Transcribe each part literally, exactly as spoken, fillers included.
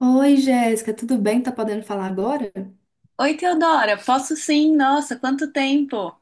Oi, Jéssica, tudo bem? Tá podendo falar agora? Oi, Teodora, posso sim, nossa, quanto tempo!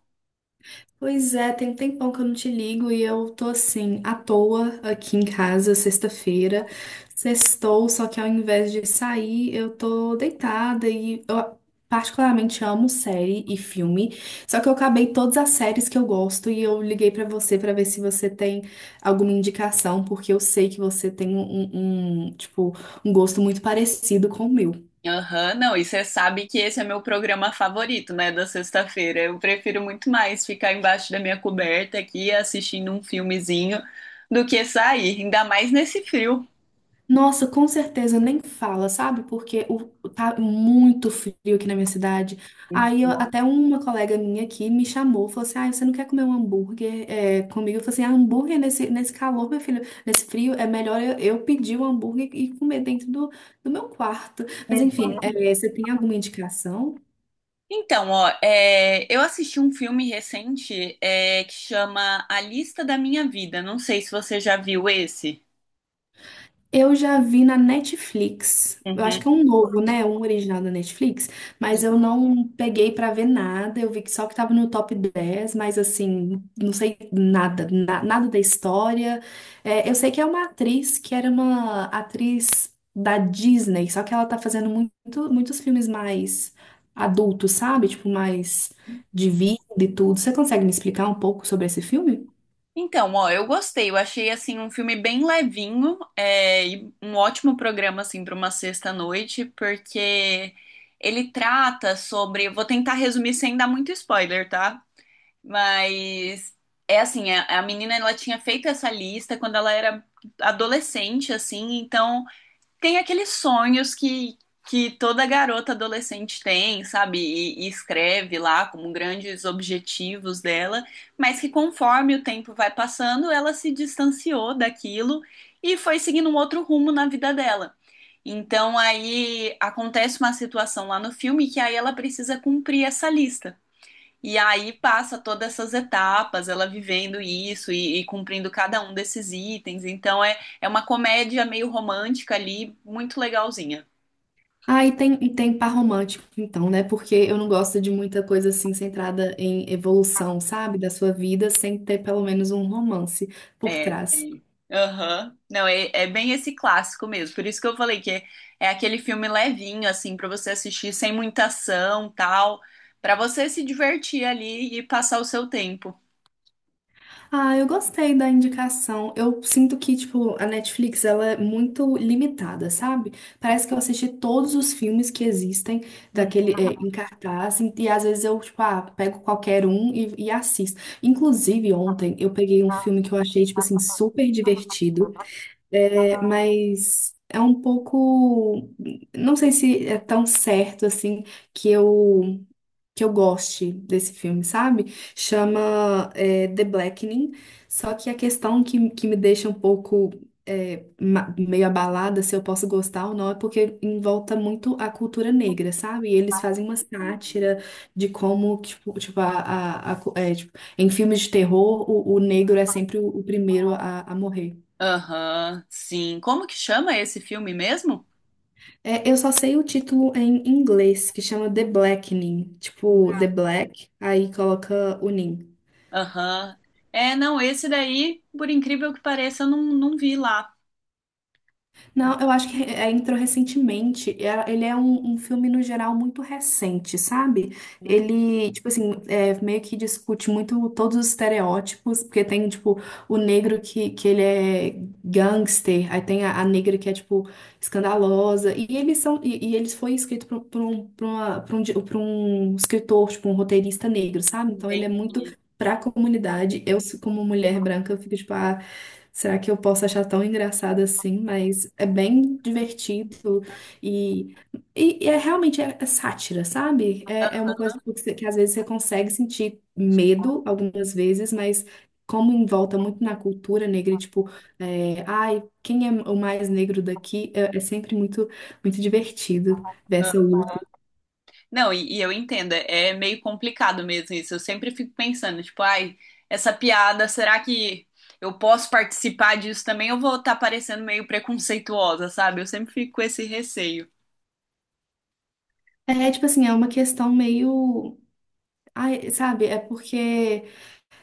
Pois é, tem um tempão que eu não te ligo e eu tô assim, à toa aqui em casa, sexta-feira. Sextou, só que ao invés de sair, eu tô deitada e eu particularmente amo série e filme. Só que eu acabei todas as séries que eu gosto e eu liguei pra você pra ver se você tem alguma indicação, porque eu sei que você tem um, um, um, tipo, um gosto muito parecido com o meu. Aham, não, e você sabe que esse é meu programa favorito, né, da sexta-feira. Eu prefiro muito mais ficar embaixo da minha coberta aqui assistindo um filmezinho do que sair, ainda mais nesse frio. Nossa, com certeza nem fala, sabe? Porque o, o- tá muito frio aqui na minha cidade. Hum. Aí eu- até uma colega minha aqui me chamou, falou assim: Ah, você não quer comer um hambúrguer é, comigo? Eu falei assim: ah, hambúrguer nesse, nesse calor, meu filho, nesse frio, é melhor eu, eu pedir o hambúrguer e comer dentro do, do meu quarto. Mas enfim, é, você tem alguma indicação? Então, ó, é, eu assisti um filme recente, é, que chama A Lista da Minha Vida. Não sei se você já viu esse. Eu já vi na Netflix. Eu acho que é Uhum. um novo, né? Um original da Netflix, mas eu não peguei pra ver nada. Eu vi que só que tava no top dez, mas assim, não sei nada, na- nada da história. É, eu sei que é uma atriz que era uma atriz da Disney, só que ela tá fazendo muito, muitos filmes mais adultos, sabe? Tipo, mais de vida e tudo. Você consegue me explicar um pouco sobre esse filme? Então, ó, eu gostei. Eu achei assim um filme bem levinho, é, e um ótimo programa assim para uma sexta-noite, porque ele trata sobre. Vou tentar resumir sem dar muito spoiler, tá? Mas é assim, a, a menina ela tinha feito essa lista quando ela era adolescente, assim, então tem aqueles sonhos que, que toda garota adolescente tem, sabe? E, e escreve lá como grandes objetivos dela, mas que conforme o tempo vai passando, ela se distanciou daquilo e foi seguindo um outro rumo na vida dela. Então aí acontece uma situação lá no filme que aí ela precisa cumprir essa lista. E aí passa todas essas etapas, ela vivendo isso e, e cumprindo cada um desses itens. Então é, é uma comédia meio romântica ali, muito legalzinha. Ah, e tem, e tem par romântico, então, né? Porque eu não gosto de muita coisa assim centrada em evolução, sabe? Da sua vida, sem ter pelo menos um romance por É, trás. tem. Aham. Não, é, é bem esse clássico mesmo. Por isso que eu falei que é, é aquele filme levinho, assim, pra você assistir sem muita ação, tal, pra você se divertir ali e passar o seu tempo. Ah, eu gostei da indicação. Eu sinto que, tipo, a Netflix, ela é muito limitada, sabe? Parece que eu assisti todos os filmes que existem daquele, Uhum. é, em cartaz, e, e às vezes eu, tipo, ah, pego qualquer um e, e assisto. Inclusive, ontem eu peguei um filme que eu achei, tipo assim, super divertido. É, mas é um pouco, não sei se é tão certo assim que eu que eu goste desse filme, sabe? Chama é, The Blackening. Só que a questão que, que me deixa um pouco é, ma- meio abalada se eu posso gostar ou não é porque envolta muito a cultura negra, sabe? E eles fazem uma sátira de como tipo, tipo, a, a- a cu- é, tipo, em filmes de terror o, o negro é sempre o, o primeiro a a morrer. Aham, sim. Como que chama esse filme mesmo? É, eu só sei o título em inglês, que chama The Blackening. Tipo, The Black, aí coloca o Ning. Aham. É, não, esse daí, por incrível que pareça, eu não, não vi lá. Não, eu acho que é, entrou recentemente. É- Ele é um, um filme, no geral, muito recente, sabe? Hum? Ele, tipo assim, é, meio que discute muito todos os estereótipos, porque tem, tipo, o negro que, que ele é gangster, aí tem a, a negra que é, tipo, escandalosa. E eles são, e, e eles foi escrito por, por um, por uma- por um, di- por um escritor, tipo, um roteirista negro, sabe? Então ele Entendi. é muito. Pra comunidade, eu como mulher branca, eu fico tipo, ah, será que eu posso achar tão engraçado assim? Mas é bem divertido e, e, e é realmente é, é sátira, sabe? É, é uma coisa tipo, que, você- que às vezes você consegue sentir medo algumas vezes, mas como envolta muito na cultura negra, e, tipo, é, ai, quem é o mais negro daqui? É, é sempre muito, muito divertido ver Ah, essa luta. não, e, e eu entendo, é meio complicado mesmo isso. Eu sempre fico pensando, tipo, ai, essa piada, será que eu posso participar disso também? Eu vou estar parecendo meio preconceituosa, sabe? Eu sempre fico com esse receio. É tipo assim, é uma questão meio. Ai, sabe? É porque.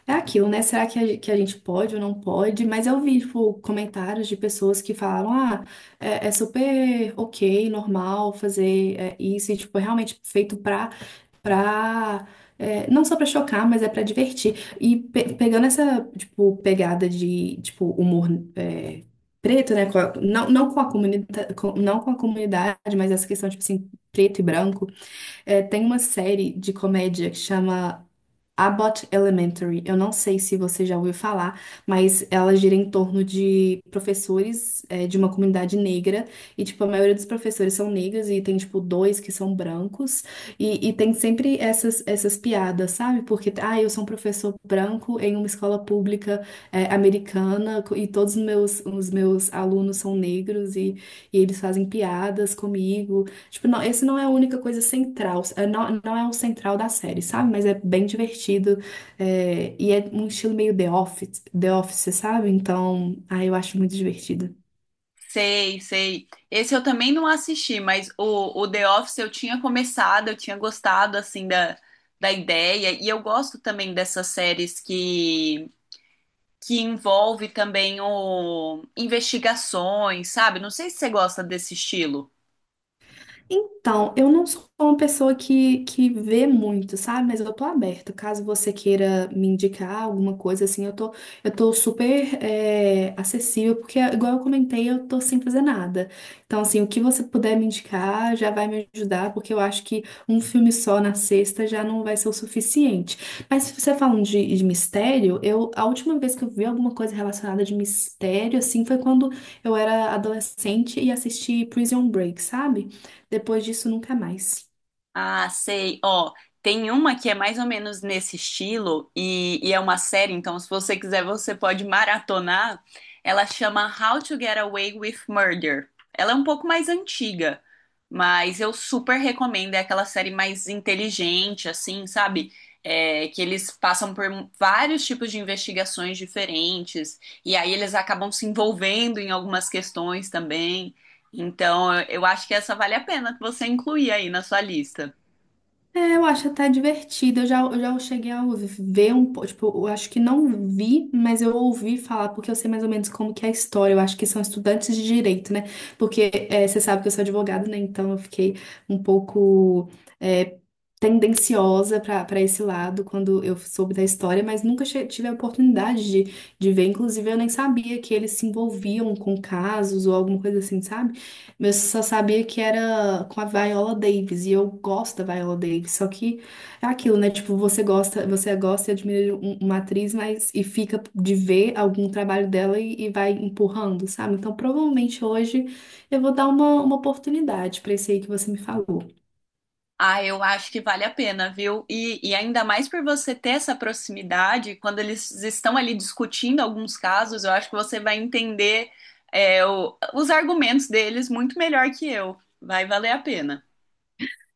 É aquilo, né? Será que a, ge- que a gente pode ou não pode? Mas eu vi, tipo, comentários de pessoas que falaram, ah, é, é super ok, normal fazer é, isso, e, tipo, é realmente feito pra, pra é, não só pra chocar, mas é pra divertir. E pe- pegando essa, tipo, pegada de, tipo, humor é, preto, né? Com a- não, não com a comunidade, não com a comunidade, mas essa questão, tipo assim, preto e branco, é, tem uma série de comédia que chama Abbott Elementary. Eu não sei se você já ouviu falar, mas ela gira em torno de professores é, de uma comunidade negra. E, tipo, a maioria dos professores são negros e tem, tipo, dois que são brancos. E, e tem sempre essas, essas piadas, sabe? Porque, ah, eu sou um professor branco em uma escola pública é, americana co- e todos os meus, os meus alunos são negros e, e eles fazem piadas comigo. Tipo, não, esse não é a única coisa central, é, não, não é o central da série, sabe? Mas é bem divertido, é, e é um estilo meio The Office, The Office, sabe? Então, ah, eu acho muito divertido. Sei, sei. Esse eu também não assisti, mas o, o The Office eu tinha começado, eu tinha gostado, assim, da, da ideia. E eu gosto também dessas séries que que envolve também o investigações, sabe? Não sei se você gosta desse estilo. Então, eu não sou uma pessoa que, que vê muito, sabe? Mas eu tô aberta. Caso você queira me indicar alguma coisa assim, eu tô, eu tô super é, acessível, porque, igual eu comentei, eu tô sem fazer nada. Então, assim, o que você puder me indicar já vai me ajudar, porque eu acho que um filme só na sexta já não vai ser o suficiente. Mas se você falando de, de mistério, eu, a última vez que eu vi alguma coisa relacionada de mistério, assim, foi quando eu era adolescente e assisti Prison Break, sabe? Depois disso, nunca mais. Ah, sei. Ó, tem uma que é mais ou menos nesse estilo e, e é uma série, então se você quiser você pode maratonar. Ela chama How to Get Away with Murder. Ela é um pouco mais antiga, mas eu super recomendo. É aquela série mais inteligente, assim, sabe? É, que eles passam por vários tipos de investigações diferentes e aí eles acabam se envolvendo em algumas questões também. Então, eu eu acho que essa vale a pena você incluir aí na sua lista. É, eu acho até divertido. Eu já, eu já cheguei a ouvir- ver um pouco. Tipo, eu acho que não vi, mas eu ouvi falar, porque eu sei mais ou menos como que é a história. Eu acho que são estudantes de direito, né? Porque é, você sabe que eu sou advogada, né? Então eu fiquei um pouco é, tendenciosa para para esse lado quando eu soube da história, mas nunca che- tive a oportunidade de, de ver. Inclusive, eu nem sabia que eles se envolviam com casos ou alguma coisa assim, sabe? Mas eu só sabia que era com a Viola Davis, e eu gosto da Viola Davis, só que é aquilo, né? Tipo, você gosta, você gosta e admira um- uma atriz, mas e fica de ver algum trabalho dela e, e vai empurrando, sabe? Então, provavelmente hoje eu vou dar uma, uma oportunidade pra esse aí que você me falou. Ah, eu acho que vale a pena, viu? E, e ainda mais por você ter essa proximidade, quando eles estão ali discutindo alguns casos, eu acho que você vai entender, é, o- os argumentos deles muito melhor que eu. Vai valer a pena.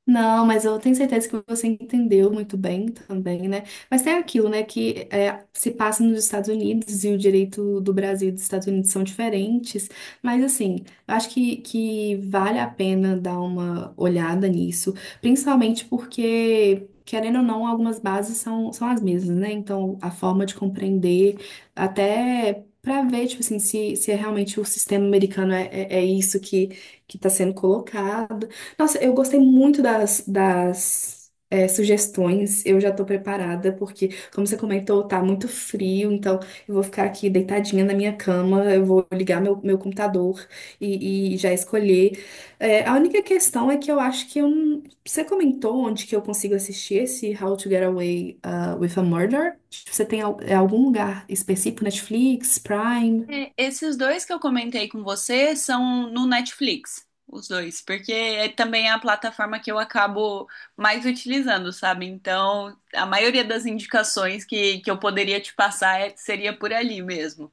Não, mas eu tenho certeza que você entendeu muito bem também, né? Mas tem aquilo, né, que é, se passa nos Estados Unidos e o direito do Brasil e dos Estados Unidos são diferentes. Mas, assim, eu acho que, que vale a pena dar uma olhada nisso, principalmente porque. Querendo ou não, algumas bases são, são as mesmas, né? Então, a forma de compreender, até para ver, tipo assim, se, se é realmente o sistema americano é, é, é isso que, que está sendo colocado. Nossa, eu gostei muito das, das é, sugestões. Eu já tô preparada, porque, como você comentou, tá muito frio, então eu vou ficar aqui deitadinha na minha cama, eu vou ligar meu, meu computador e, e já escolher. É, a única questão é que eu acho que eu não... Você comentou onde que eu consigo assistir esse How to Get Away uh, with a Murder? Você tem al- é algum lugar específico, Netflix, Prime? É, esses dois que eu comentei com você são no Netflix, os dois, porque é também a plataforma que eu acabo mais utilizando, sabe? Então, a maioria das indicações que, que eu poderia te passar é- seria por ali mesmo.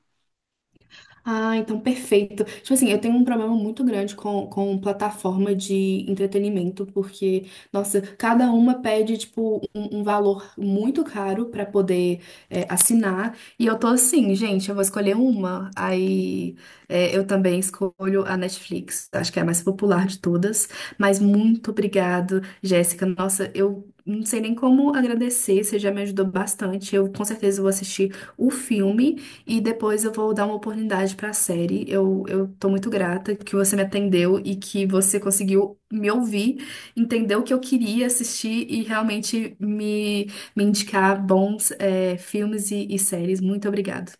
Ah, então perfeito. Tipo assim, eu tenho um problema muito grande com, com plataforma de entretenimento, porque, nossa, cada uma pede, tipo, um, um valor muito caro pra poder é, assinar. E eu tô assim, gente, eu vou escolher uma. Aí é, eu também escolho a Netflix, acho que é a mais popular de todas. Mas muito obrigado, Jéssica. Nossa, eu. Não sei nem como agradecer, você já me ajudou bastante. Eu com certeza vou assistir o filme. E depois eu vou dar uma oportunidade pra série. Eu, eu tô muito grata que você me atendeu e que você conseguiu me ouvir, entender o que eu queria assistir e realmente me, me indicar bons é, filmes e, e séries. Muito obrigada.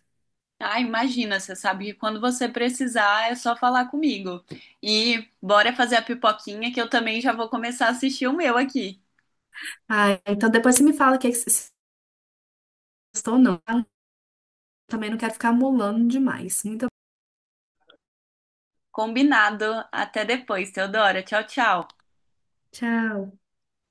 Ah, imagina, você sabe que quando você precisar é só falar comigo. E bora fazer a pipoquinha que eu também já vou começar a assistir o meu aqui. Ah, então depois você me fala o que é que você gostou ou não. Também não quero ficar molando demais. Muito obrigada. Combinado. Até depois, Teodora. Tchau, tchau. Tchau.